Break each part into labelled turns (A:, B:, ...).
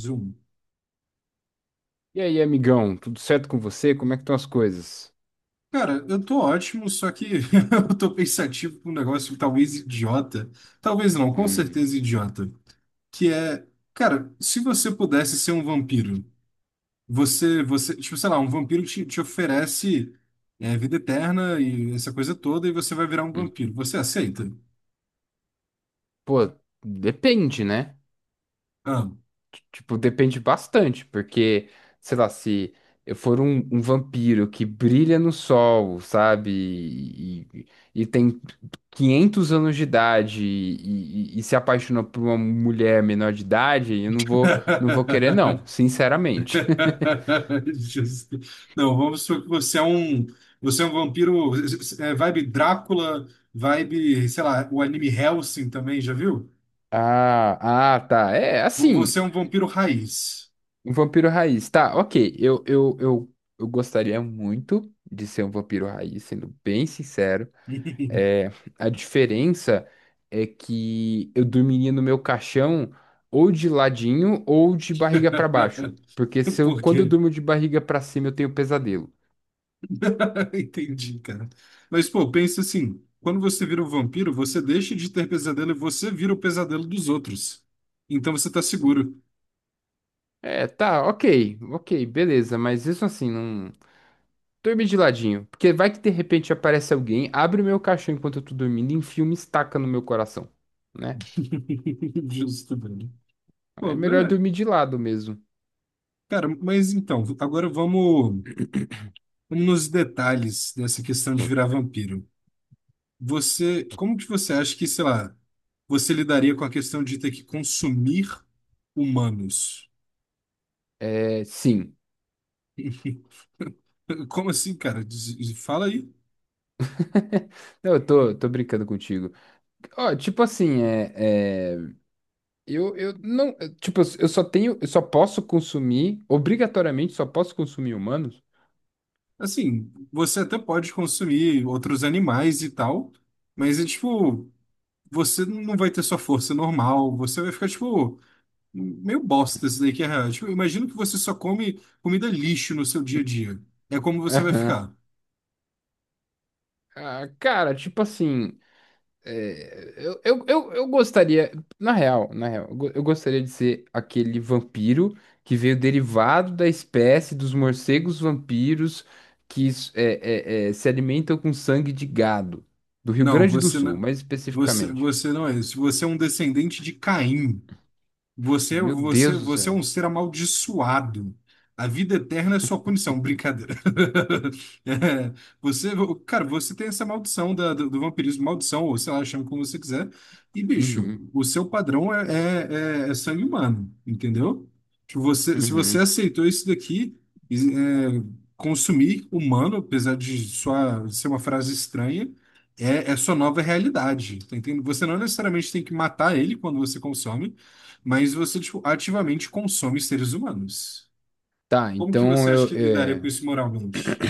A: Zoom.
B: E aí, amigão, tudo certo com você? Como é que estão as coisas?
A: Cara, eu tô ótimo, só que eu tô pensativo com um negócio talvez idiota. Talvez não, com
B: Hum,
A: certeza idiota. Que é, cara, se você pudesse ser um vampiro, você, tipo, sei lá, um vampiro te oferece vida eterna e essa coisa toda, e você vai virar um
B: hum,
A: vampiro.
B: hum.
A: Você aceita?
B: Pô, depende, né?
A: Ah.
B: Tipo, depende bastante, porque, sei lá, se eu for um vampiro que brilha no sol, sabe? E tem 500 anos de idade e se apaixona por uma mulher menor de idade, eu não vou querer, não, sinceramente.
A: Justo. Não, vamos supor que você é um vampiro, vibe Drácula, vibe, sei lá, o anime Hellsing também, já viu?
B: Tá, é
A: Você
B: assim.
A: é um vampiro raiz.
B: Um vampiro raiz. Tá, ok. Eu gostaria muito de ser um vampiro raiz, sendo bem sincero. É, a diferença é que eu dormiria no meu caixão ou de ladinho ou de barriga pra baixo. Porque se eu,
A: Por
B: quando eu
A: quê?
B: durmo de barriga pra cima, eu tenho pesadelo.
A: Entendi, cara. Mas, pô, pensa assim, quando você vira um vampiro, você deixa de ter pesadelo e você vira o pesadelo dos outros. Então você tá seguro.
B: É, tá, ok, beleza, mas isso assim, não. Dormir de ladinho, porque vai que de repente aparece alguém, abre o meu caixão enquanto eu tô dormindo e enfia uma estaca no meu coração, né?
A: Justo, velho. Pô,
B: É melhor
A: é,
B: dormir de lado mesmo.
A: cara, mas então, agora vamos nos detalhes dessa questão de virar vampiro. Você, como que você acha que, sei lá, você lidaria com a questão de ter que consumir humanos?
B: É, sim.
A: Como assim, cara? Fala aí.
B: Não, tô brincando contigo. Ó, tipo assim, é, é, eu não, é, tipo, eu só posso consumir, obrigatoriamente, só posso consumir humanos.
A: Assim, você até pode consumir outros animais e tal, mas é tipo, você não vai ter sua força normal, você vai ficar tipo meio bosta isso daí que é real. Tipo, imagino que você só come comida lixo no seu dia a dia. É como você vai
B: Aham.
A: ficar.
B: Ah, cara, tipo assim, eu gostaria, na real, eu gostaria de ser aquele vampiro que veio derivado da espécie dos morcegos vampiros que é, se alimentam com sangue de gado, do Rio
A: Não,
B: Grande do
A: você
B: Sul,
A: não,
B: mais especificamente.
A: você não é isso. Você é um descendente de Caim.
B: Meu Deus do
A: Você é
B: céu.
A: um ser amaldiçoado. A vida eterna é sua punição. Brincadeira. É, você, cara, você tem essa maldição do, do vampirismo, maldição, ou sei lá, chama como você quiser. E, bicho,
B: Uhum,
A: o seu padrão é, é, é- é sangue humano, entendeu? Tipo, você, se você
B: uhum.
A: aceitou isso daqui, é, consumir humano, apesar de sua, ser uma frase estranha, é sua nova realidade. Tá entendendo? Você não necessariamente tem que matar ele quando você consome. Mas você, tipo, ativamente consome seres humanos.
B: Tá,
A: Como que
B: então
A: você acha
B: eu.
A: que lidaria com
B: é,
A: isso moralmente?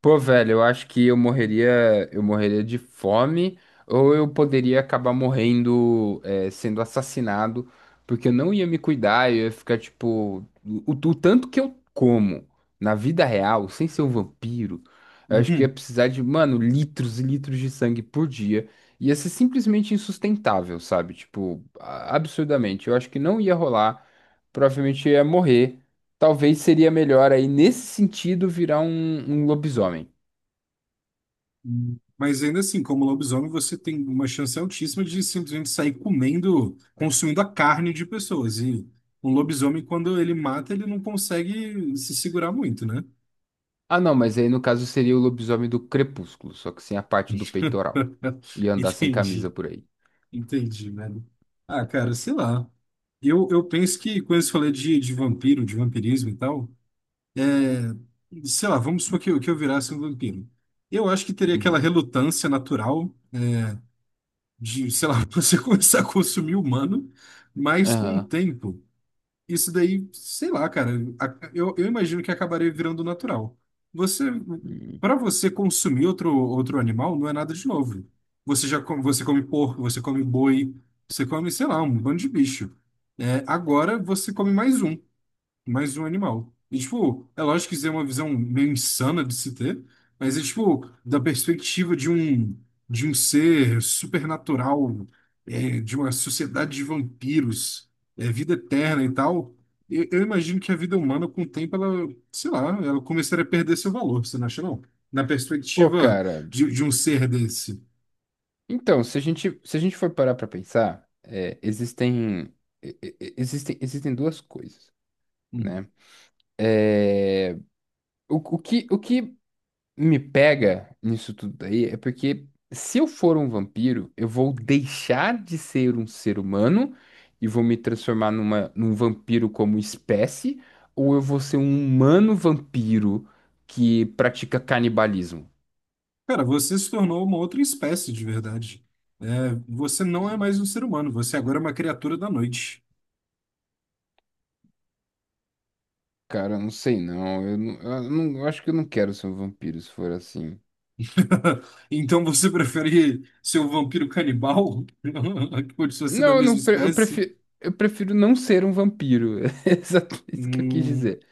B: Pô, velho, eu acho que eu morreria de fome, ou eu poderia acabar morrendo, é, sendo assassinado, porque eu não ia me cuidar, eu ia ficar, tipo, o tanto que eu como na vida real, sem ser um vampiro, eu acho que ia
A: Uhum.
B: precisar de, mano, litros e litros de sangue por dia. Ia ser simplesmente insustentável, sabe? Tipo, absurdamente. Eu acho que não ia rolar. Provavelmente eu ia morrer. Talvez seria melhor aí, nesse sentido, virar um lobisomem.
A: Mas ainda assim, como lobisomem, você tem uma chance altíssima de simplesmente sair comendo, consumindo a carne de pessoas. E um lobisomem, quando ele mata, ele não consegue se segurar muito, né?
B: Ah, não, mas aí no caso seria o lobisomem do Crepúsculo, só que sem a parte do peitoral. E andar sem camisa
A: Entendi,
B: por aí.
A: entendi, velho. Ah, cara, sei lá. Eu penso que quando você falou de vampiro, de vampirismo e tal, sei lá, vamos supor que eu virasse um vampiro. Eu acho que teria aquela
B: Uhum.
A: relutância natural de, sei lá, você começar a consumir humano, mas com o
B: Aham.
A: tempo, isso daí, sei lá, cara, eu imagino que acabaria virando natural. Você,
B: Hum.
A: para você consumir outro animal, não é nada de novo. Você já come, você come porco, você come boi, você come, sei lá, um bando de bicho. É, agora você come mais um animal. E, tipo, é lógico que isso é uma visão meio insana de se ter, mas é, tipo, da perspectiva de um ser supernatural, de uma sociedade de vampiros, vida eterna e tal, eu imagino que a vida humana, com o tempo, ela, sei lá, ela começaria a perder seu valor, você não acha, não? Na
B: Pô,
A: perspectiva
B: cara.
A: de um ser desse.
B: Então, se a gente for parar pra pensar, é, existem, e- existem, existem duas coisas, né? O que me pega nisso tudo daí é porque, se eu for um vampiro, eu vou deixar de ser um ser humano e vou me transformar num vampiro como espécie, ou eu vou ser um humano vampiro que pratica canibalismo?
A: Cara, você se tornou uma outra espécie de verdade. É, você não é mais um ser humano, você agora é uma criatura da noite.
B: Cara, eu não sei não. Eu acho que eu não quero ser um vampiro se for assim.
A: Então você prefere ser um vampiro canibal? Que continua ser da
B: Não, eu
A: mesma
B: não, pre-
A: espécie?
B: eu prefiro não ser um vampiro. É exatamente isso que eu quis
A: Hum,
B: dizer.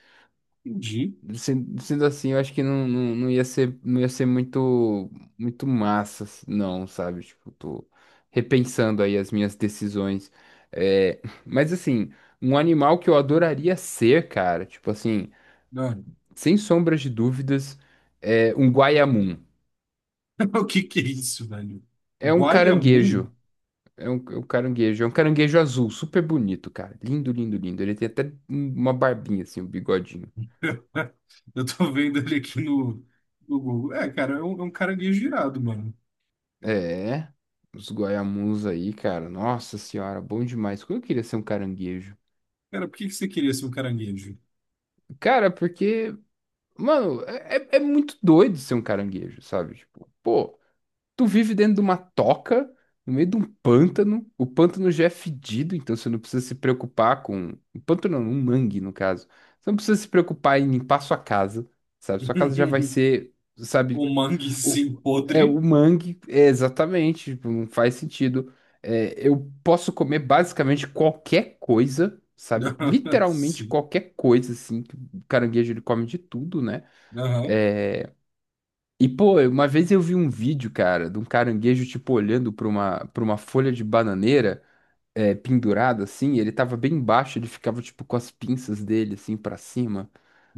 A: entendi.
B: Sendo assim, eu acho que não ia ser, muito massa, assim, não, sabe? Tipo, tô repensando aí as minhas decisões. É, mas assim, um animal que eu adoraria ser, cara, tipo assim,
A: Cara,
B: sem sombras de dúvidas, é um guaiamum.
A: o que que é isso, velho?
B: É um
A: Guaiamum?
B: caranguejo. É um caranguejo, é um caranguejo azul, super bonito, cara. Lindo, lindo, lindo. Ele tem até uma barbinha, assim, um bigodinho.
A: Eu tô vendo ele aqui no, no Google. É, cara, é um caranguejo irado, mano.
B: É, os guaiamuns aí, cara. Nossa senhora, bom demais. Como eu queria ser um caranguejo.
A: Cara, por que que você queria ser um caranguejo?
B: Cara, porque, mano, é muito doido ser um caranguejo, sabe? Tipo, pô, tu vive dentro de uma toca, no meio de um pântano. O pântano já é fedido, então você não precisa se preocupar com. Um pântano não, um mangue, no caso. Você não precisa se preocupar em limpar sua casa, sabe? Sua casa já vai ser, sabe,
A: Um mangue
B: O,
A: sim
B: o
A: podre?
B: mangue, é exatamente, tipo, não faz sentido. É, eu posso comer basicamente qualquer coisa, sabe? Literalmente
A: Sim.
B: qualquer coisa, assim. Que O caranguejo, ele come de tudo, né?
A: Aham.
B: É, E, pô, uma vez eu vi um vídeo, cara, de um caranguejo, tipo, olhando pra uma folha de bananeira, é, pendurada, assim. Ele tava bem baixo, ele ficava, tipo, com as pinças dele, assim, pra cima.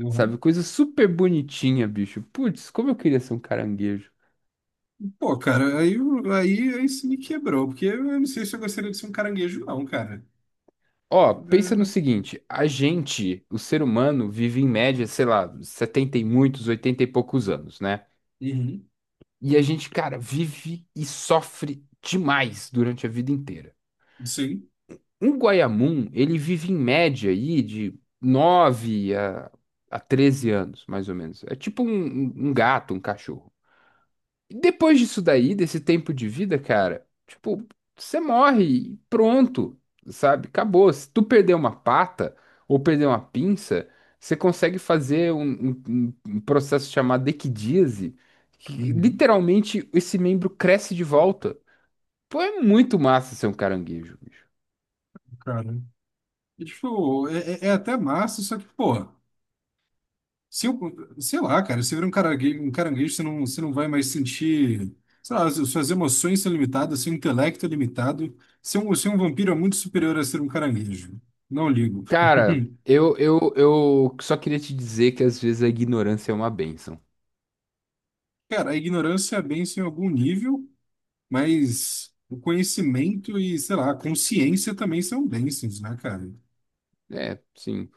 A: Aham.
B: Sabe? Coisa super bonitinha, bicho. Putz, como eu queria ser um caranguejo.
A: Pô, cara, aí, aí, aí você me quebrou, porque eu não sei se eu gostaria de ser um caranguejo, não, cara.
B: Ó, pensa no
A: É,
B: seguinte, a gente, o ser humano, vive em média, sei lá, 70 e muitos, 80 e poucos anos, né?
A: uhum,
B: E a gente, cara, vive e sofre demais durante a vida inteira.
A: sim,
B: Um guaiamum, ele vive em média aí de 9 a 13 anos, mais ou menos. É tipo um um gato, um cachorro. Depois disso daí, desse tempo de vida, cara, tipo, você morre e pronto, sabe? Acabou. Se tu perder uma pata ou perder uma pinça, você consegue fazer um processo chamado equidíase, que
A: uhum,
B: literalmente esse membro cresce de volta. Pô, é muito massa ser um caranguejo, bicho.
A: cara. E, tipo, é, é é até massa, só que, porra, se eu, sei lá, cara, se vira um caranguejo, você não vai mais sentir, sei lá, as- suas emoções são limitadas, seu intelecto é limitado. Ser um vampiro é muito superior a ser um caranguejo. Não ligo.
B: Cara, eu só queria te dizer que às vezes a ignorância é uma bênção.
A: Cara, a ignorância é bênção em algum nível, mas o conhecimento e, sei lá, a consciência também são bênçãos, né, cara?
B: É, sim.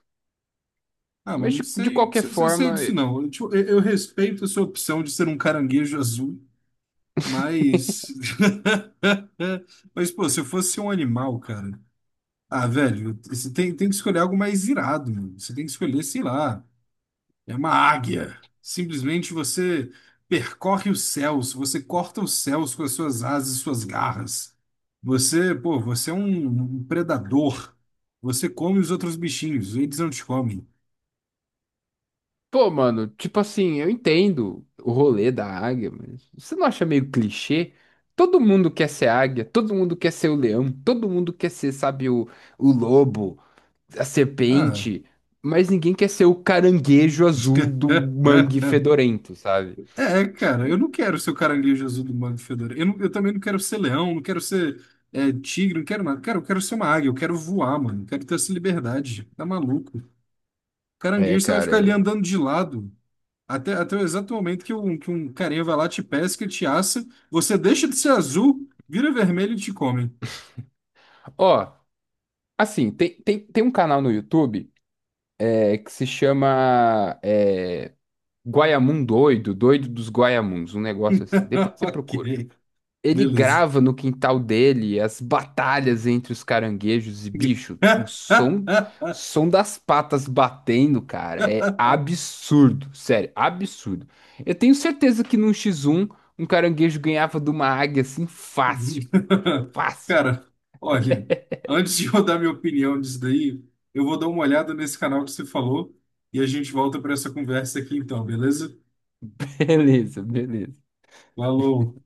A: Ah, mas
B: Mas
A: não
B: de
A: sei,
B: qualquer
A: sei
B: forma.
A: disso não. Eu, tipo, eu respeito a sua opção de ser um caranguejo azul, mas. Mas, pô, se eu fosse um animal, cara. Ah, velho, tem que escolher algo mais irado, mano. Você tem que escolher, sei lá, é uma águia. Simplesmente você percorre os céus, você corta os céus com as suas asas e suas garras. Você, pô, você é um um predador. Você come os outros bichinhos, eles não te comem.
B: Pô, mano, tipo assim, eu entendo o rolê da águia, mas você não acha meio clichê? Todo mundo quer ser águia, todo mundo quer ser o leão, todo mundo quer ser, sabe, o lobo, a
A: Ah,
B: serpente, mas ninguém quer ser o caranguejo azul do mangue fedorento, sabe?
A: é, cara, eu não quero ser o caralhinho Jesus do Mago Fedora. Eu também não quero ser leão, não quero ser tigre, não quero nada. Cara, eu quero ser uma águia, eu quero voar, mano. Eu quero ter essa liberdade. Tá maluco?
B: É,
A: Caranguejo, você vai
B: cara.
A: ficar ali
B: é-
A: andando de lado até o exato momento que que um carinha vai lá, te pesca, te assa. Você deixa de ser azul, vira vermelho e te come.
B: Ó, assim, tem um canal no YouTube que se chama Guaiamum Doido, Doido dos Guaiamuns, um negócio assim. Depois você
A: Ok,
B: procura. Ele
A: beleza.
B: grava no quintal dele as batalhas entre os caranguejos e bicho, o som das patas batendo, cara, é absurdo, sério, absurdo. Eu tenho certeza que num X1 um caranguejo ganhava de uma águia assim
A: Uhum.
B: fácil, fácil.
A: Cara, olha, antes de eu dar minha opinião disso daí, eu vou dar uma olhada nesse canal que você falou e a gente volta para essa conversa aqui então, beleza?
B: Beleza, beleza.
A: Falou!